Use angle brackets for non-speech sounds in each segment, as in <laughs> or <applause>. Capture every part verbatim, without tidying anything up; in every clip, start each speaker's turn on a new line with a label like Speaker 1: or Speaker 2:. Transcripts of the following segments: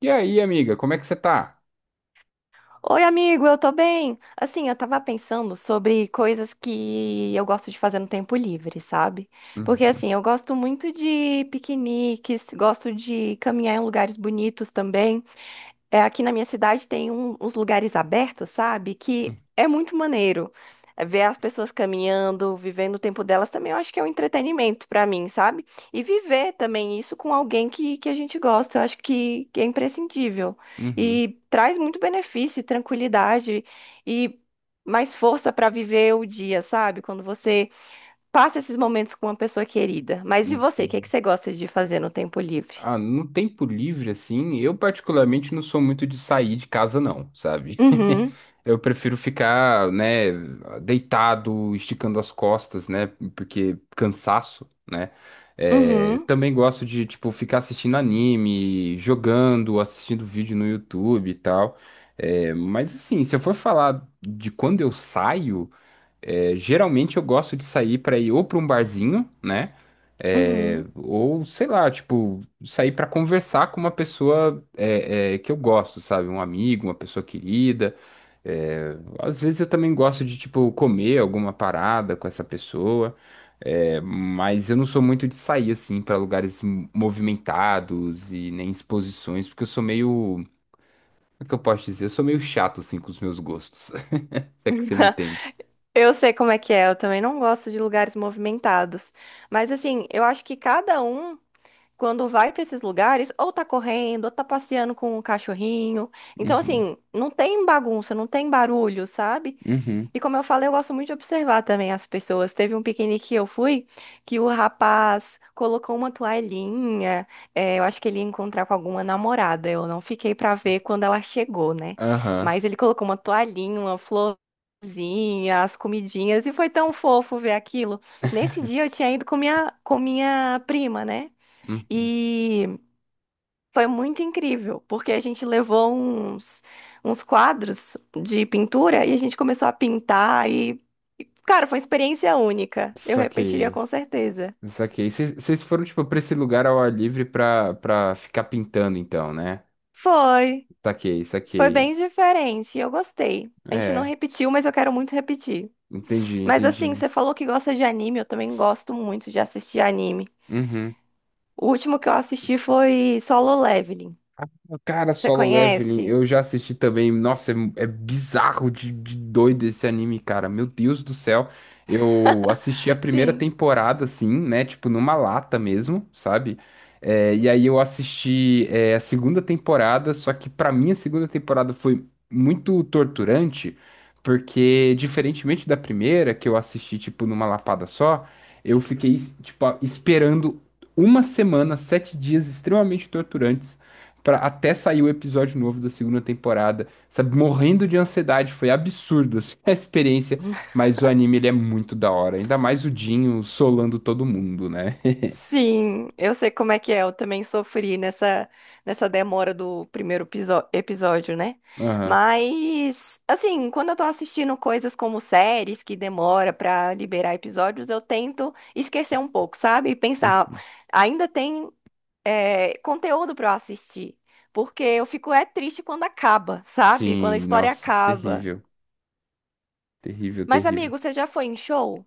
Speaker 1: E aí, amiga, como é que você tá?
Speaker 2: Oi, amigo, eu tô bem. Assim, eu tava pensando sobre coisas que eu gosto de fazer no tempo livre, sabe? Porque
Speaker 1: Uhum,
Speaker 2: assim, eu gosto muito de piqueniques, gosto de caminhar em lugares bonitos também. É, aqui na minha cidade tem um- uns lugares abertos, sabe? Que é muito maneiro. É, ver as pessoas caminhando, vivendo o tempo delas também, eu acho que é um entretenimento pra mim, sabe? E viver também isso com alguém que, que a gente gosta, eu acho que, que é imprescindível.
Speaker 1: uhum,
Speaker 2: E traz muito benefício, e tranquilidade e mais força pra viver o dia, sabe? Quando você passa esses momentos com uma pessoa querida. Mas
Speaker 1: uhum,
Speaker 2: e você? O que é que
Speaker 1: entendi.
Speaker 2: você gosta de fazer no tempo livre?
Speaker 1: Ah, no tempo livre, assim, eu particularmente não sou muito de sair de casa, não, sabe? <laughs>
Speaker 2: Uhum,
Speaker 1: Eu prefiro ficar, né, deitado, esticando as costas, né, porque cansaço, né? É,
Speaker 2: uhum,
Speaker 1: também gosto de, tipo, ficar assistindo anime, jogando, assistindo vídeo no YouTube e tal. É, mas, assim, se eu for falar de quando eu saio. É, geralmente eu gosto de sair para ir ou para um barzinho, né? É,
Speaker 2: uhum.
Speaker 1: ou sei lá, tipo, sair para conversar com uma pessoa é, é, que eu gosto, sabe? Um amigo, uma pessoa querida. É, às vezes eu também gosto de, tipo, comer alguma parada com essa pessoa. É, mas eu não sou muito de sair assim para lugares m- movimentados e nem exposições, porque eu sou meio, como é que eu posso dizer? Eu sou meio chato assim com os meus gostos. <laughs> Se é que você me
Speaker 2: <laughs>
Speaker 1: entende.
Speaker 2: Eu sei como é que é, eu também não gosto de lugares movimentados. Mas assim, eu acho que cada um, quando vai para esses lugares, ou tá correndo, ou tá passeando com o cachorrinho. Então,
Speaker 1: Uhum,
Speaker 2: assim, não tem bagunça, não tem barulho, sabe?
Speaker 1: uhum.
Speaker 2: E como eu falei, eu gosto muito de observar também as pessoas. Teve um piquenique que eu fui que o rapaz colocou uma toalhinha. Eh, eu acho que ele ia encontrar com alguma namorada. Eu não fiquei pra ver quando ela chegou, né?
Speaker 1: Aham.
Speaker 2: Mas ele colocou uma toalhinha, uma florzinha, as comidinhas e foi tão fofo ver aquilo. Nesse dia eu tinha ido com minha, com minha prima, né?
Speaker 1: Uhum.
Speaker 2: E foi muito incrível, porque a gente levou uns, uns quadros de pintura e a gente começou a pintar e, e, cara, foi uma experiência única. Eu repetiria
Speaker 1: Saquei.
Speaker 2: com certeza.
Speaker 1: Saquei. Vocês foram, tipo, pra esse lugar ao ar livre pra, pra ficar pintando, então, né?
Speaker 2: Foi,
Speaker 1: Saquei,
Speaker 2: foi
Speaker 1: saquei.
Speaker 2: bem diferente e eu gostei. A gente não
Speaker 1: É,
Speaker 2: repetiu, mas eu quero muito repetir.
Speaker 1: entendi,
Speaker 2: Mas assim,
Speaker 1: entendi.
Speaker 2: você falou que gosta de anime, eu também gosto muito de assistir anime.
Speaker 1: Uhum.
Speaker 2: O último que eu assisti foi Solo Leveling.
Speaker 1: Cara,
Speaker 2: Você
Speaker 1: Solo Leveling,
Speaker 2: conhece?
Speaker 1: eu já assisti também. Nossa, é, é bizarro de, de doido esse anime, cara. Meu Deus do céu. Eu assisti a
Speaker 2: <laughs>
Speaker 1: primeira
Speaker 2: Sim.
Speaker 1: temporada, assim, né? Tipo, numa lata mesmo, sabe? É, e aí eu assisti, é, a segunda temporada, só que pra mim a segunda temporada foi muito torturante, porque, diferentemente da primeira, que eu assisti, tipo, numa lapada só, eu fiquei, tipo, esperando uma semana, sete dias extremamente torturantes pra, até sair o episódio novo da segunda temporada, sabe? Morrendo de ansiedade, foi absurdo assim, <laughs> a experiência, mas o anime ele é muito da hora, ainda mais o Dinho solando todo mundo, né? <laughs>
Speaker 2: Sim, eu sei como é que é. Eu também sofri nessa, nessa demora do primeiro episo- episódio, né?
Speaker 1: Aham.
Speaker 2: Mas, assim, quando eu tô assistindo coisas como séries que demora pra liberar episódios, eu tento esquecer um pouco, sabe? E pensar,
Speaker 1: Hum,
Speaker 2: ainda tem, é, conteúdo pra eu assistir. Porque eu fico é triste quando acaba, sabe? Quando a
Speaker 1: Sim,
Speaker 2: história
Speaker 1: nossa,
Speaker 2: acaba.
Speaker 1: terrível, terrível,
Speaker 2: Mas,
Speaker 1: terrível.
Speaker 2: amigo, você já foi em show?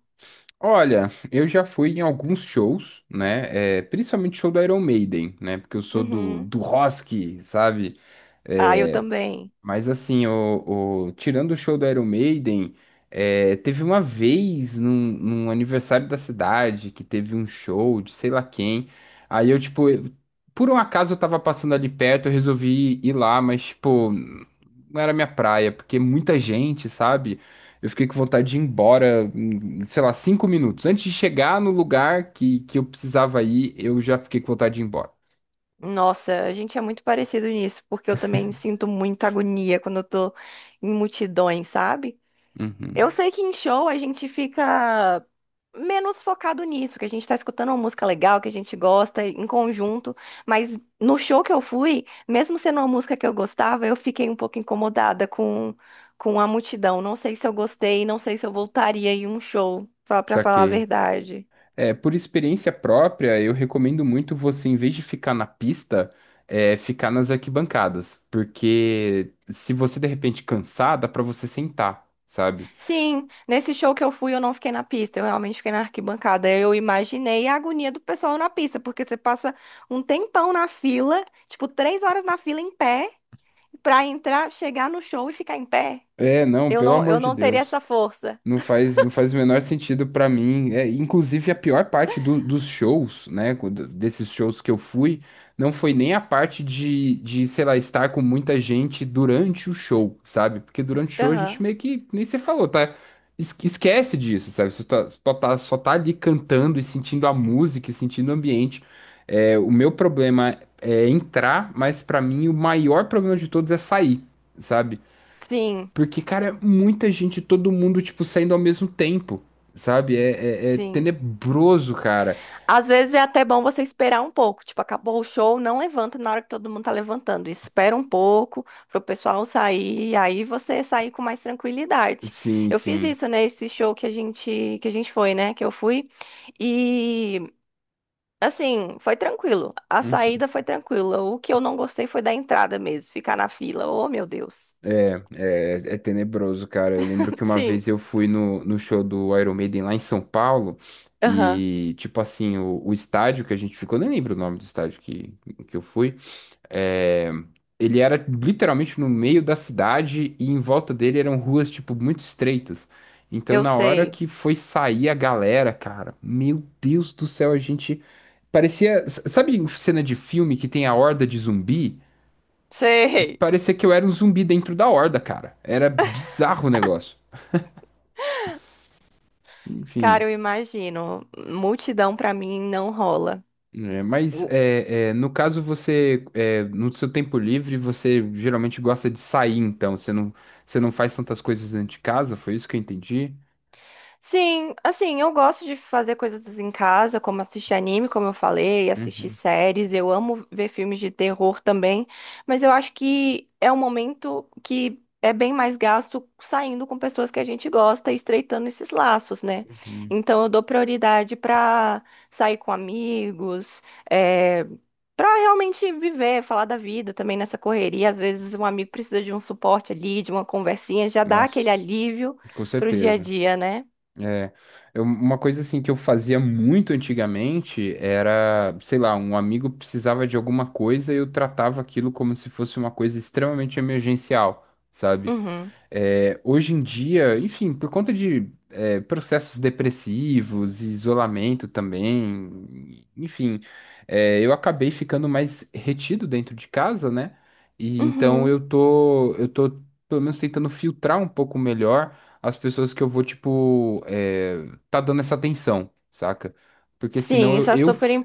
Speaker 1: Olha, eu já fui em alguns shows, né? É, principalmente show do Iron Maiden, né? Porque eu sou do,
Speaker 2: Uhum.
Speaker 1: do rock, sabe?
Speaker 2: Ah, eu
Speaker 1: É,
Speaker 2: também.
Speaker 1: mas assim, o, o- tirando o show do Iron Maiden, é, teve uma vez num, num aniversário da cidade que teve um show de sei lá quem. Aí eu, tipo, eu- por um acaso eu tava passando ali perto, eu resolvi ir lá, mas, tipo, não era minha praia, porque muita gente, sabe? Eu fiquei com vontade de ir embora, em, sei lá, cinco minutos. Antes de chegar no lugar que, que eu precisava ir, eu já fiquei com vontade de ir embora.
Speaker 2: Nossa, a gente é muito parecido nisso, porque eu também sinto muita agonia quando eu tô em multidões, sabe? Eu
Speaker 1: Uhum.
Speaker 2: sei que em show a gente fica menos focado nisso, que a gente tá escutando uma música legal, que a gente gosta em conjunto, mas no show que eu fui, mesmo sendo uma música que eu gostava, eu fiquei um pouco incomodada com, com a multidão. Não sei se eu gostei, não sei se eu voltaria em um show, fa- pra falar a
Speaker 1: Saquei.
Speaker 2: verdade.
Speaker 1: É, por experiência própria, eu recomendo muito você, em vez de ficar na pista, é, ficar nas arquibancadas, porque se você de repente cansar, dá pra você sentar, sabe?
Speaker 2: Sim, nesse show que eu fui, eu não fiquei na pista, eu realmente fiquei na arquibancada. Eu imaginei a agonia do pessoal na pista, porque você passa um tempão na fila, tipo, três horas na fila em pé, pra entrar, chegar no show e ficar em pé.
Speaker 1: É, não,
Speaker 2: Eu
Speaker 1: pelo
Speaker 2: não,
Speaker 1: amor
Speaker 2: eu
Speaker 1: de
Speaker 2: não teria
Speaker 1: Deus.
Speaker 2: essa força.
Speaker 1: Não faz, não faz o menor sentido pra mim. É, inclusive, a pior parte do- dos shows, né? quando- Desses shows que eu fui, não foi nem a parte de, de, sei lá, estar com muita gente durante o show, sabe? Porque durante o show a gente
Speaker 2: Aham.
Speaker 1: meio que, nem você falou, tá? Es- Esquece disso, sabe? Você tá- só tá, só tá ali cantando e sentindo a música e sentindo o ambiente. É, o meu problema é entrar, mas pra mim o maior problema de todos é sair, sabe?
Speaker 2: Sim,
Speaker 1: Porque, cara, é muita gente, todo mundo, tipo, saindo ao mesmo tempo, sabe? É, é, é
Speaker 2: sim.
Speaker 1: tenebroso, cara.
Speaker 2: Às vezes é até bom você esperar um pouco. Tipo, acabou o show, não levanta na hora que todo mundo tá levantando. Espera um pouco pro pessoal sair, aí você sair com mais tranquilidade.
Speaker 1: Sim,
Speaker 2: Eu fiz
Speaker 1: sim.
Speaker 2: isso, né, esse show que a gente que a gente foi, né, que eu fui. E assim, foi tranquilo. A
Speaker 1: Uhum.
Speaker 2: saída foi tranquila. O que eu não gostei foi da entrada mesmo, ficar na fila. Oh, meu Deus.
Speaker 1: É, é tenebroso, cara. Eu lembro que
Speaker 2: <laughs>
Speaker 1: uma
Speaker 2: Sim.
Speaker 1: vez eu fui no, no show do Iron Maiden lá em São Paulo
Speaker 2: Aham.
Speaker 1: e, tipo assim, o, o estádio que a gente ficou, nem lembro o nome do estádio que, que eu fui. É, ele era literalmente no meio da cidade e em volta dele eram ruas, tipo, muito estreitas. Então,
Speaker 2: Eu
Speaker 1: na hora
Speaker 2: sei.
Speaker 1: que foi sair a galera, cara, meu Deus do céu, a gente parecia. s- Sabe em cena de filme que tem a horda de zumbi?
Speaker 2: Sei.
Speaker 1: Parecia que eu era um zumbi dentro da horda, cara. Era bizarro o negócio.
Speaker 2: Cara,
Speaker 1: Enfim.
Speaker 2: eu imagino. Multidão pra mim não rola.
Speaker 1: É, mas é, é, no caso você é, no seu tempo livre você geralmente gosta de sair, então você não você não faz tantas coisas dentro de casa, foi isso que eu entendi.
Speaker 2: Sim, assim, eu gosto de fazer coisas em casa, como assistir anime, como eu falei, assistir
Speaker 1: Uhum,
Speaker 2: séries. Eu amo ver filmes de terror também, mas eu acho que é um momento que é bem mais gasto saindo com pessoas que a gente gosta e estreitando esses laços, né?
Speaker 1: uhum.
Speaker 2: Então eu dou prioridade pra sair com amigos, é, para realmente viver, falar da vida também nessa correria. Às vezes um amigo precisa de um suporte ali, de uma conversinha, já dá aquele
Speaker 1: Nossa,
Speaker 2: alívio
Speaker 1: com
Speaker 2: pro dia a
Speaker 1: certeza.
Speaker 2: dia, né?
Speaker 1: É, eu- uma coisa assim que eu fazia muito antigamente era, sei lá, um amigo precisava de alguma coisa e eu tratava aquilo como se fosse uma coisa extremamente emergencial, sabe?
Speaker 2: Uhum.
Speaker 1: É, hoje em dia, enfim, por conta de é, processos depressivos, isolamento também, enfim, é, eu acabei ficando mais retido dentro de casa, né? E então eu
Speaker 2: Uhum.
Speaker 1: tô, eu tô pelo menos tentando filtrar um pouco melhor as pessoas que eu vou, tipo, é, tá dando essa atenção, saca? Porque senão
Speaker 2: Sim,
Speaker 1: eu,
Speaker 2: isso é
Speaker 1: eu
Speaker 2: super
Speaker 1: f-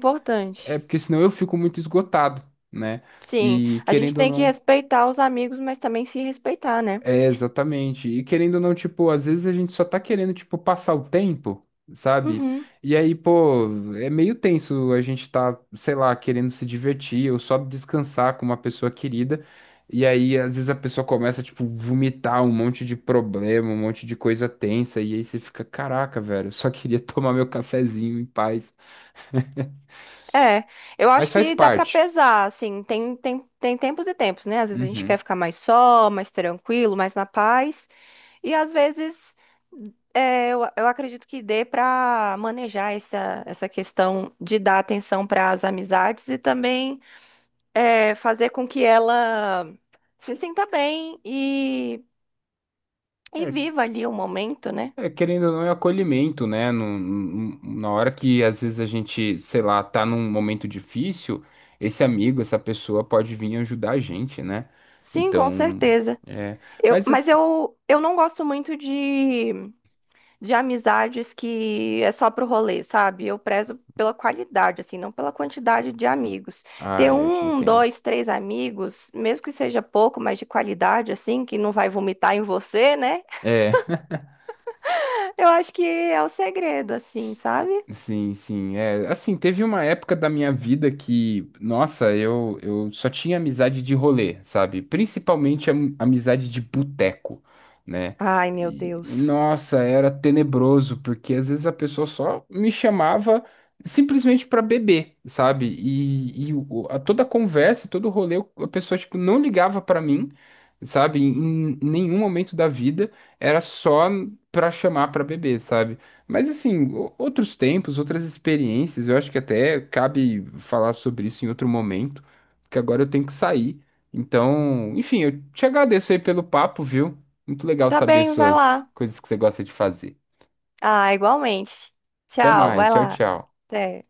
Speaker 1: é porque senão eu fico muito esgotado, né?
Speaker 2: Sim,
Speaker 1: E
Speaker 2: a gente
Speaker 1: querendo ou
Speaker 2: tem que
Speaker 1: não
Speaker 2: respeitar os amigos, mas também se respeitar, né?
Speaker 1: é, exatamente. E querendo ou não, tipo, às vezes a gente só tá querendo, tipo, passar o tempo, sabe?
Speaker 2: Uhum.
Speaker 1: E aí, pô, é meio tenso a gente tá, sei lá, querendo se divertir ou só descansar com uma pessoa querida. E aí, às vezes a pessoa começa, tipo, vomitar um monte de problema, um monte de coisa tensa. E aí você fica, caraca, velho, eu só queria <laughs> tomar meu cafezinho em paz.
Speaker 2: É, eu
Speaker 1: Mas
Speaker 2: acho
Speaker 1: faz
Speaker 2: que dá pra
Speaker 1: parte.
Speaker 2: pesar, assim, tem, tem, tem tempos e tempos, né? Às vezes a gente quer
Speaker 1: Uhum.
Speaker 2: ficar mais só, mais tranquilo, mais na paz, e às vezes é, eu, eu acredito que dê pra manejar essa, essa questão de dar atenção para as amizades e também é, fazer com que ela se sinta bem e viva ali o momento, né?
Speaker 1: É, querendo ou não, é acolhimento, né? Num- num- na hora que às vezes a gente, sei lá, tá num momento difícil, esse amigo, essa pessoa pode vir ajudar a gente, né?
Speaker 2: Sim, com
Speaker 1: Então,
Speaker 2: certeza.
Speaker 1: é.
Speaker 2: Eu,
Speaker 1: Mas,
Speaker 2: mas
Speaker 1: as-
Speaker 2: eu, eu não gosto muito de, de amizades que é só pro rolê, sabe? Eu prezo pela qualidade, assim, não pela quantidade de amigos. Ter
Speaker 1: ah, eu te
Speaker 2: um,
Speaker 1: entendo.
Speaker 2: dois, três amigos, mesmo que seja pouco, mas de qualidade, assim, que não vai vomitar em você, né?
Speaker 1: É.
Speaker 2: <laughs> Eu acho que é o segredo, assim, sabe?
Speaker 1: Sim, sim. É, assim, teve uma época da minha vida que, nossa, eu, eu só tinha amizade de rolê, sabe? Principalmente am- amizade de boteco, né?
Speaker 2: Ai, meu
Speaker 1: E, e,
Speaker 2: Deus.
Speaker 1: nossa, era tenebroso, porque às vezes a pessoa só me chamava simplesmente pra beber, sabe? E, e o- a, toda a conversa, todo o rolê, a pessoa, tipo, não ligava pra mim, sabe? Em, em nenhum momento da vida, era só pra chamar pra beber, sabe? Mas assim, o- outros tempos, outras experiências, eu acho que até cabe falar sobre isso em outro momento, porque agora eu tenho que sair. Então, enfim, eu te agradeço aí pelo papo, viu? Muito legal
Speaker 2: Tá
Speaker 1: saber
Speaker 2: bem, vai
Speaker 1: suas
Speaker 2: lá.
Speaker 1: coisas que você gosta de fazer.
Speaker 2: Ah, igualmente.
Speaker 1: Até
Speaker 2: Tchau,
Speaker 1: mais,
Speaker 2: vai
Speaker 1: tchau,
Speaker 2: lá.
Speaker 1: tchau.
Speaker 2: Até.